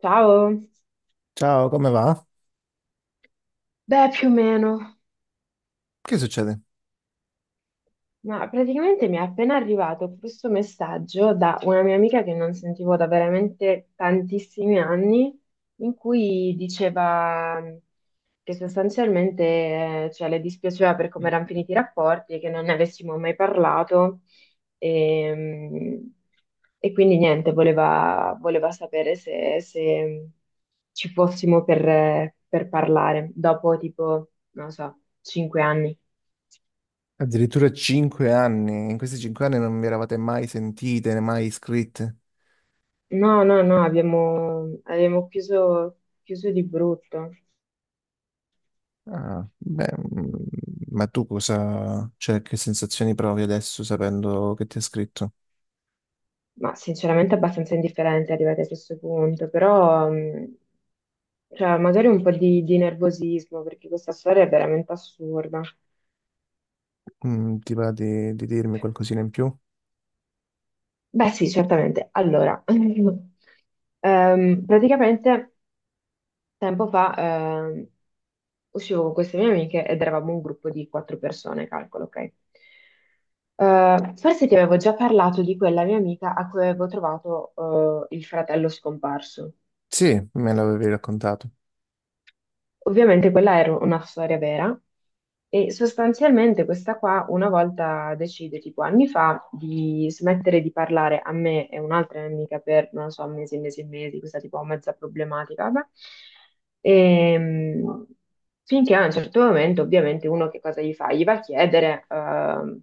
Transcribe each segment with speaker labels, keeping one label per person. Speaker 1: Ciao,
Speaker 2: Ciao, come va?
Speaker 1: beh, più o meno.
Speaker 2: Che succede?
Speaker 1: Ma praticamente mi è appena arrivato questo messaggio da una mia amica che non sentivo da veramente tantissimi anni, in cui diceva che cioè, le dispiaceva per come erano finiti i rapporti, che non ne avessimo mai parlato e, mm, e quindi niente, voleva sapere se ci fossimo per parlare dopo tipo, non lo so, cinque anni.
Speaker 2: Addirittura 5 anni. In questi 5 anni non vi eravate mai sentite, né mai iscritte.
Speaker 1: No, no, no, abbiamo chiuso, chiuso di brutto.
Speaker 2: Ah, beh, mm, ma tu cosa, cioè, che sensazioni provi adesso sapendo che ti ha scritto?
Speaker 1: Ma sinceramente abbastanza indifferente arrivati a questo punto, però cioè, magari un po' di nervosismo perché questa storia è veramente assurda.
Speaker 2: Mm, ti va di dirmi qualcosina in più?
Speaker 1: Beh, sì, certamente. Allora, praticamente tempo fa ehm, uscivo con queste mie amiche ed eravamo un gruppo di quattro persone, calcolo, ok? Forse ti avevo già parlato di quella mia amica a cui avevo trovato il fratello scomparso.
Speaker 2: Sì, me l'avevi raccontato.
Speaker 1: Ovviamente quella era una storia vera e sostanzialmente questa qua una volta decide, tipo anni fa, di smettere di parlare a me e un'altra mia amica per, non lo so, mesi e mesi e mesi, questa tipo mezza problematica, vabbè. Ehm, Finché a un certo momento, ovviamente, uno che cosa gli fa? Gli va a chiedere,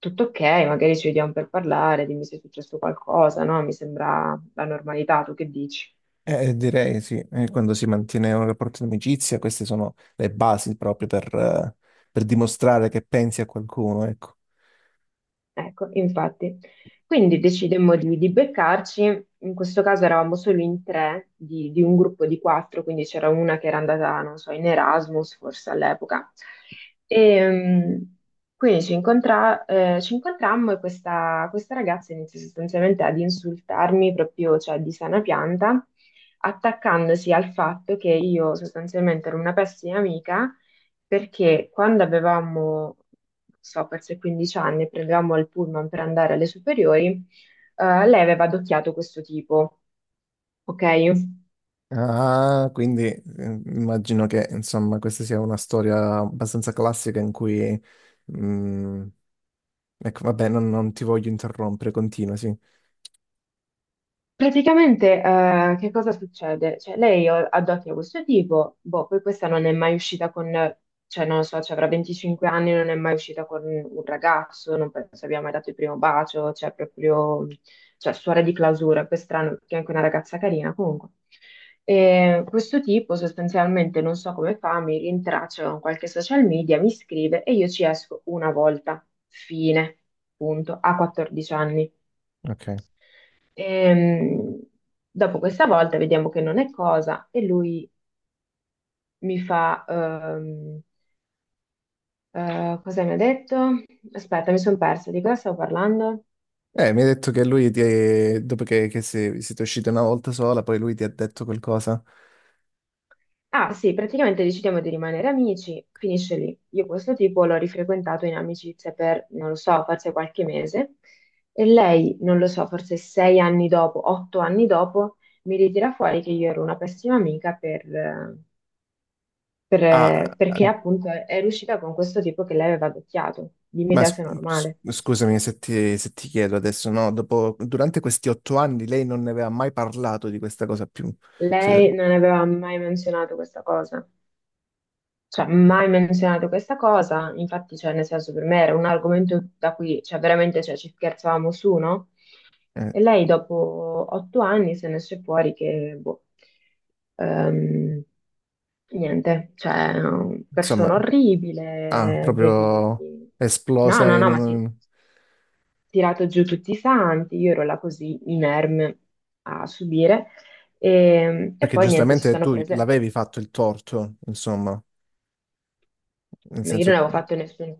Speaker 1: tutto ok, magari ci vediamo per parlare, dimmi se è successo qualcosa, no? Mi sembra la normalità, tu che dici?
Speaker 2: Direi sì. Quando si mantiene un rapporto di amicizia, queste sono le basi proprio per dimostrare che pensi a qualcuno, ecco.
Speaker 1: Ecco, infatti. Quindi decidemmo di beccarci, in questo caso eravamo solo in tre di un gruppo di quattro, quindi c'era una che era andata, non so, in Erasmus forse all'epoca. E, mh, quindi ci incontrammo e questa ragazza iniziò sostanzialmente ad insultarmi proprio, cioè di sana pianta, attaccandosi al fatto che io sostanzialmente ero una pessima amica perché quando avevamo so, forse 15 anni, prendevamo il pullman per andare alle superiori, lei aveva adocchiato questo tipo, ok?
Speaker 2: Ah, quindi immagino che insomma questa sia una storia abbastanza classica in cui... mm, ecco, vabbè, non ti voglio interrompere, continua, sì.
Speaker 1: Praticamente, che cosa succede? Cioè, lei o- addotti a questo tipo, boh, poi questa non è mai uscita con, cioè, non lo so, cioè, avrà 25 anni, non è mai uscita con un ragazzo, non penso abbia mai dato il primo bacio, cioè, proprio, cioè, suora di clausura, poi è strano, perché è anche una ragazza carina, comunque. E questo tipo, sostanzialmente, non so come fa, mi rintraccia con qualche social media, mi scrive e io ci esco una volta, fine, punto, a 14 anni.
Speaker 2: Ok.
Speaker 1: Ehm, Dopo questa volta vediamo che non è cosa e lui mi fa, cosa mi ha detto? Aspetta, mi sono persa, di cosa stavo parlando?
Speaker 2: Mi hai detto che lui ti... dopo che, siete usciti una volta sola, poi lui ti ha detto qualcosa.
Speaker 1: Ah sì, praticamente decidiamo di rimanere amici, finisce lì. Io questo tipo l'ho rifrequentato in amicizia per, non lo so, forse qualche mese e lei, non lo so, forse sei anni dopo, otto anni dopo, mi ritira fuori che io ero una pessima amica
Speaker 2: Ah,
Speaker 1: perché appunto è riuscita con questo tipo che lei aveva adocchiato. Dimmi
Speaker 2: ma
Speaker 1: te
Speaker 2: s-
Speaker 1: se è normale.
Speaker 2: scusami se ti, se ti chiedo adesso, no? Dopo, durante questi 8 anni lei non ne aveva mai parlato di questa cosa più. Se-
Speaker 1: Lei non aveva mai menzionato questa cosa, cioè mai menzionato questa cosa, infatti cioè, nel senso per me era un argomento da cui cioè, veramente cioè, ci scherzavamo su, no?
Speaker 2: eh,
Speaker 1: E lei dopo otto anni se ne esce fuori che, boh, ehm, niente, cioè,
Speaker 2: insomma.
Speaker 1: persona
Speaker 2: Ah,
Speaker 1: orribile,
Speaker 2: proprio
Speaker 1: devi... No,
Speaker 2: esplosa
Speaker 1: no,
Speaker 2: in
Speaker 1: no, ma sì,
Speaker 2: un...
Speaker 1: tirato giù tutti i santi, io ero là così inerme a subire e
Speaker 2: Perché
Speaker 1: poi niente, si
Speaker 2: giustamente
Speaker 1: sono
Speaker 2: tu
Speaker 1: prese,
Speaker 2: l'avevi fatto il torto, insomma, nel
Speaker 1: ma io non
Speaker 2: senso,
Speaker 1: avevo fatto nessuno.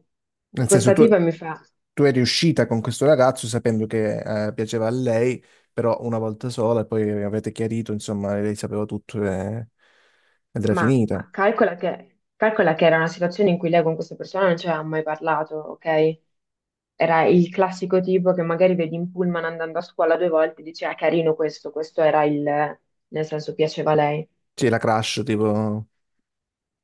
Speaker 2: nel senso
Speaker 1: Questa
Speaker 2: tu,
Speaker 1: tipa mi fa,
Speaker 2: tu eri uscita con questo ragazzo sapendo che piaceva a lei, però una volta sola e poi avete chiarito, insomma, lei sapeva tutto e... ed era
Speaker 1: ma
Speaker 2: finita.
Speaker 1: calcola che era una situazione in cui lei con questa persona non ci aveva mai parlato, ok? Era il classico tipo che magari vedi in pullman andando a scuola due volte e dice, ah, carino questo, questo era il, nel senso piaceva a lei.
Speaker 2: Sì, la crash, tipo...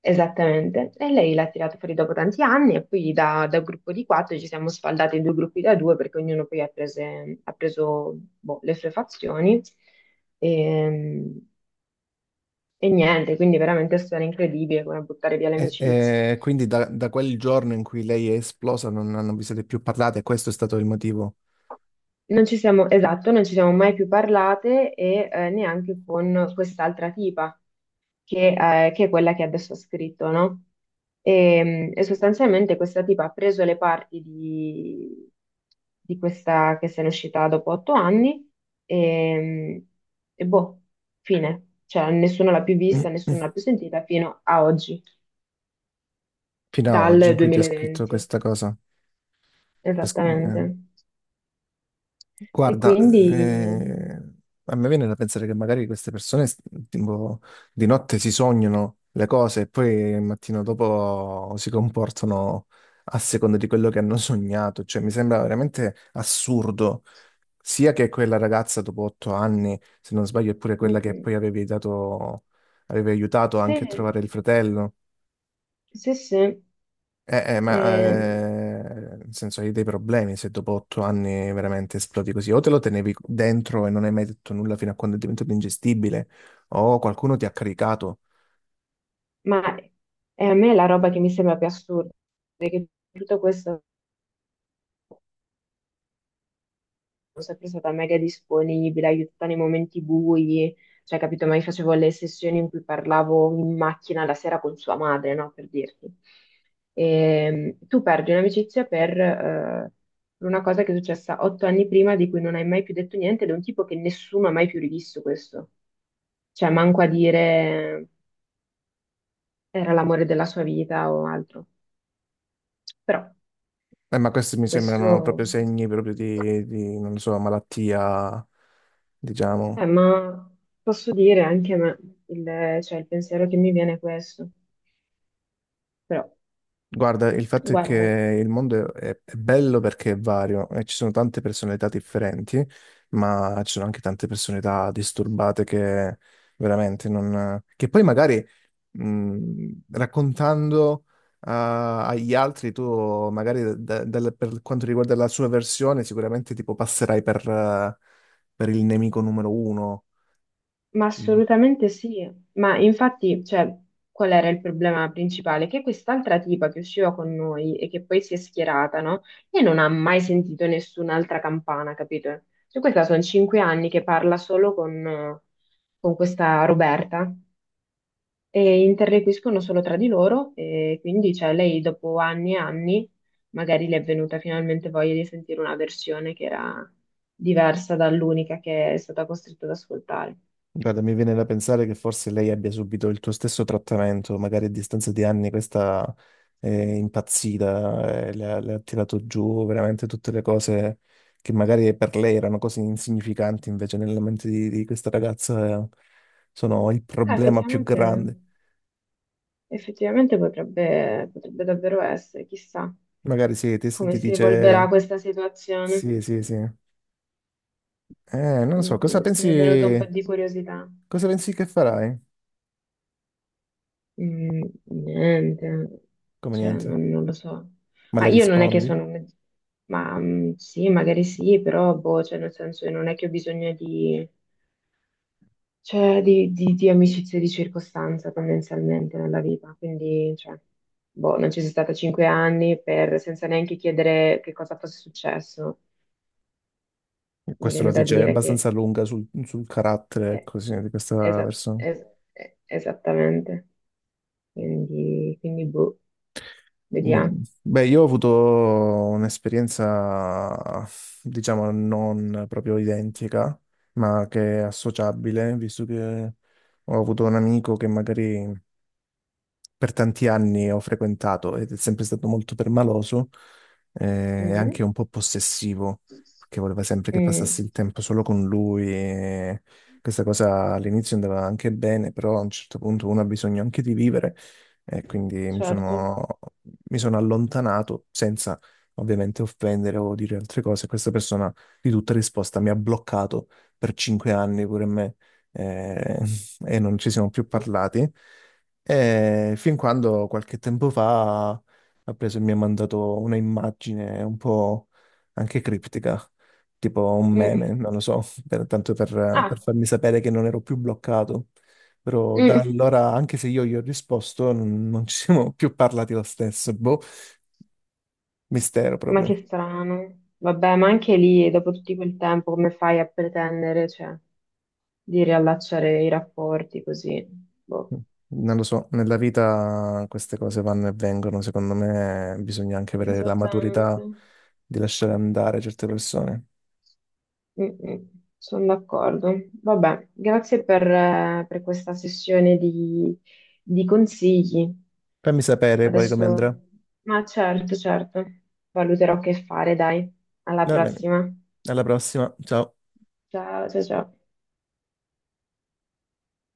Speaker 1: Esattamente, e lei l'ha tirato fuori dopo tanti anni e poi da gruppo di quattro ci siamo sfaldati in due gruppi da due perché ognuno poi ha, ha preso boh, le sue fazioni e, e niente, quindi veramente è stata incredibile come buttare via le
Speaker 2: E,
Speaker 1: amicizie.
Speaker 2: e quindi da quel giorno in cui lei è esplosa non vi siete più parlate e questo è stato il motivo
Speaker 1: Non ci siamo, esatto, non ci siamo mai più parlate e neanche con quest'altra tipa che, che è quella che adesso ha scritto, no? E sostanzialmente questa tipa ha preso le parti di questa che se n'è uscita dopo otto anni e, e boh, fine. Cioè, nessuno l'ha più vista, nessuno l'ha più sentita fino a oggi,
Speaker 2: fino a oggi in
Speaker 1: dal
Speaker 2: cui ti ha scritto
Speaker 1: 2020,
Speaker 2: questa cosa. Pes-
Speaker 1: esattamente.
Speaker 2: eh,
Speaker 1: E
Speaker 2: Guarda,
Speaker 1: quindi,
Speaker 2: a me viene da pensare che magari tipo, di notte si sognano le cose e poi il mattino dopo si comportano a seconda di quello che hanno sognato. Cioè, mi sembra veramente assurdo. Sia che quella ragazza dopo 8 anni, se non sbaglio, è pure
Speaker 1: mm,
Speaker 2: quella che
Speaker 1: mm,
Speaker 2: poi avevi aiutato anche a
Speaker 1: sì,
Speaker 2: trovare il fratello.
Speaker 1: sì, sì. Eh,
Speaker 2: Nel senso hai dei problemi se dopo 8 anni veramente esplodi così, o te lo tenevi dentro e non hai mai detto nulla fino a quando è diventato ingestibile, o qualcuno ti ha caricato.
Speaker 1: Ma è a me la roba che mi sembra più assurda, è che tutto questo sono sempre stata mega disponibile, aiutata nei momenti bui, cioè capito, ma io facevo le sessioni in cui parlavo in macchina la sera con sua madre, no? Per dirti. E, Tu perdi un'amicizia per una cosa che è successa otto anni prima, di cui non hai mai più detto niente, ed è un tipo che nessuno ha mai più rivisto questo. Cioè, manco a dire era l'amore della sua vita o altro. Però
Speaker 2: Ma questi mi sembrano proprio
Speaker 1: questo...
Speaker 2: segni proprio di non lo so, malattia, diciamo.
Speaker 1: Ma posso dire anche a me, cioè, il pensiero che mi viene è questo. Però,
Speaker 2: Guarda, il fatto è
Speaker 1: guarda,
Speaker 2: che il mondo è bello perché è vario e ci sono tante personalità differenti, ma ci sono anche tante personalità disturbate che veramente non... che poi magari raccontando a- agli altri, tu magari per quanto riguarda la sua versione, sicuramente tipo passerai per il nemico numero uno.
Speaker 1: ma
Speaker 2: Mm.
Speaker 1: assolutamente sì. Ma infatti, cioè, qual era il problema principale? Che quest'altra tipa che usciva con noi e che poi si è schierata, no? E non ha mai sentito nessun'altra campana, capito? Cioè, questa sono cinque anni che parla solo con questa Roberta. E interloquiscono solo tra di loro e quindi cioè, lei dopo anni e anni magari le è venuta finalmente voglia di sentire una versione che era diversa dall'unica che è stata costretta ad ascoltare.
Speaker 2: Guarda, mi viene da pensare che forse lei abbia subito il tuo stesso trattamento, magari a distanza di anni questa è impazzita, le ha tirato giù veramente tutte le cose che magari per lei erano cose insignificanti, invece nella mente di questa ragazza sono il
Speaker 1: Ah,
Speaker 2: problema più
Speaker 1: effettivamente,
Speaker 2: grande.
Speaker 1: effettivamente potrebbe, potrebbe davvero essere, chissà
Speaker 2: Magari sì,
Speaker 1: come
Speaker 2: ti
Speaker 1: si evolverà
Speaker 2: dice
Speaker 1: questa situazione.
Speaker 2: sì, sì, sì. Non lo so,
Speaker 1: Mm, adesso mi è venuta un po' di curiosità.
Speaker 2: cosa pensi che farai?
Speaker 1: Mm, niente,
Speaker 2: Come
Speaker 1: cioè
Speaker 2: niente,
Speaker 1: non, non lo so.
Speaker 2: ma
Speaker 1: Ma
Speaker 2: le
Speaker 1: io non è che
Speaker 2: rispondi?
Speaker 1: sono... un- Ma mm, sì, magari sì, però boh, cioè nel senso non è che ho bisogno di, cioè, di amicizie di circostanza tendenzialmente nella vita, quindi cioè, boh, non ci sono stata cinque anni per, senza neanche chiedere che cosa fosse successo, mi
Speaker 2: Questo
Speaker 1: viene
Speaker 2: la
Speaker 1: da
Speaker 2: dice
Speaker 1: dire che...
Speaker 2: abbastanza lunga sul carattere,
Speaker 1: eh,
Speaker 2: ecco, sì, di questa
Speaker 1: esa-
Speaker 2: persona.
Speaker 1: es- esattamente, quindi boh, vediamo.
Speaker 2: Mm. Beh, io ho avuto un'esperienza, diciamo, non proprio identica, ma che è associabile, visto che ho avuto un amico che magari per tanti anni ho frequentato ed è sempre stato molto permaloso e anche
Speaker 1: Mm,
Speaker 2: un po' possessivo, perché voleva sempre che passassi
Speaker 1: mm,
Speaker 2: il tempo solo con lui. E questa cosa all'inizio andava anche bene, però a un certo punto uno ha bisogno anche di vivere e quindi
Speaker 1: certo.
Speaker 2: mi sono allontanato senza ovviamente offendere o dire altre cose. Questa persona di tutta risposta mi ha bloccato per 5 anni pure me eh, e non ci siamo più parlati. E fin quando qualche tempo fa ha preso e mi ha mandato una immagine un po' anche criptica, tipo un
Speaker 1: Mm.
Speaker 2: meme, non lo so, per
Speaker 1: Ah,
Speaker 2: farmi sapere che non ero più bloccato. Però da
Speaker 1: mm,
Speaker 2: allora, anche se io gli ho risposto, non ci siamo più parlati lo stesso. Boh, mistero
Speaker 1: ma
Speaker 2: proprio.
Speaker 1: che strano. Vabbè, ma anche lì, dopo tutto quel tempo, come fai a pretendere, cioè, di riallacciare i rapporti così? Boh,
Speaker 2: Non lo so, nella vita queste cose vanno e vengono. Secondo me bisogna anche avere la
Speaker 1: esattamente.
Speaker 2: maturità di lasciare andare certe persone.
Speaker 1: Sono d'accordo. Vabbè, grazie per questa sessione di consigli.
Speaker 2: Fammi sapere poi come
Speaker 1: Adesso,
Speaker 2: andrà.
Speaker 1: ma certo, certo, valuterò che fare, dai. Alla
Speaker 2: Va bene,
Speaker 1: prossima.
Speaker 2: alla prossima, ciao.
Speaker 1: Ciao, ciao, ciao.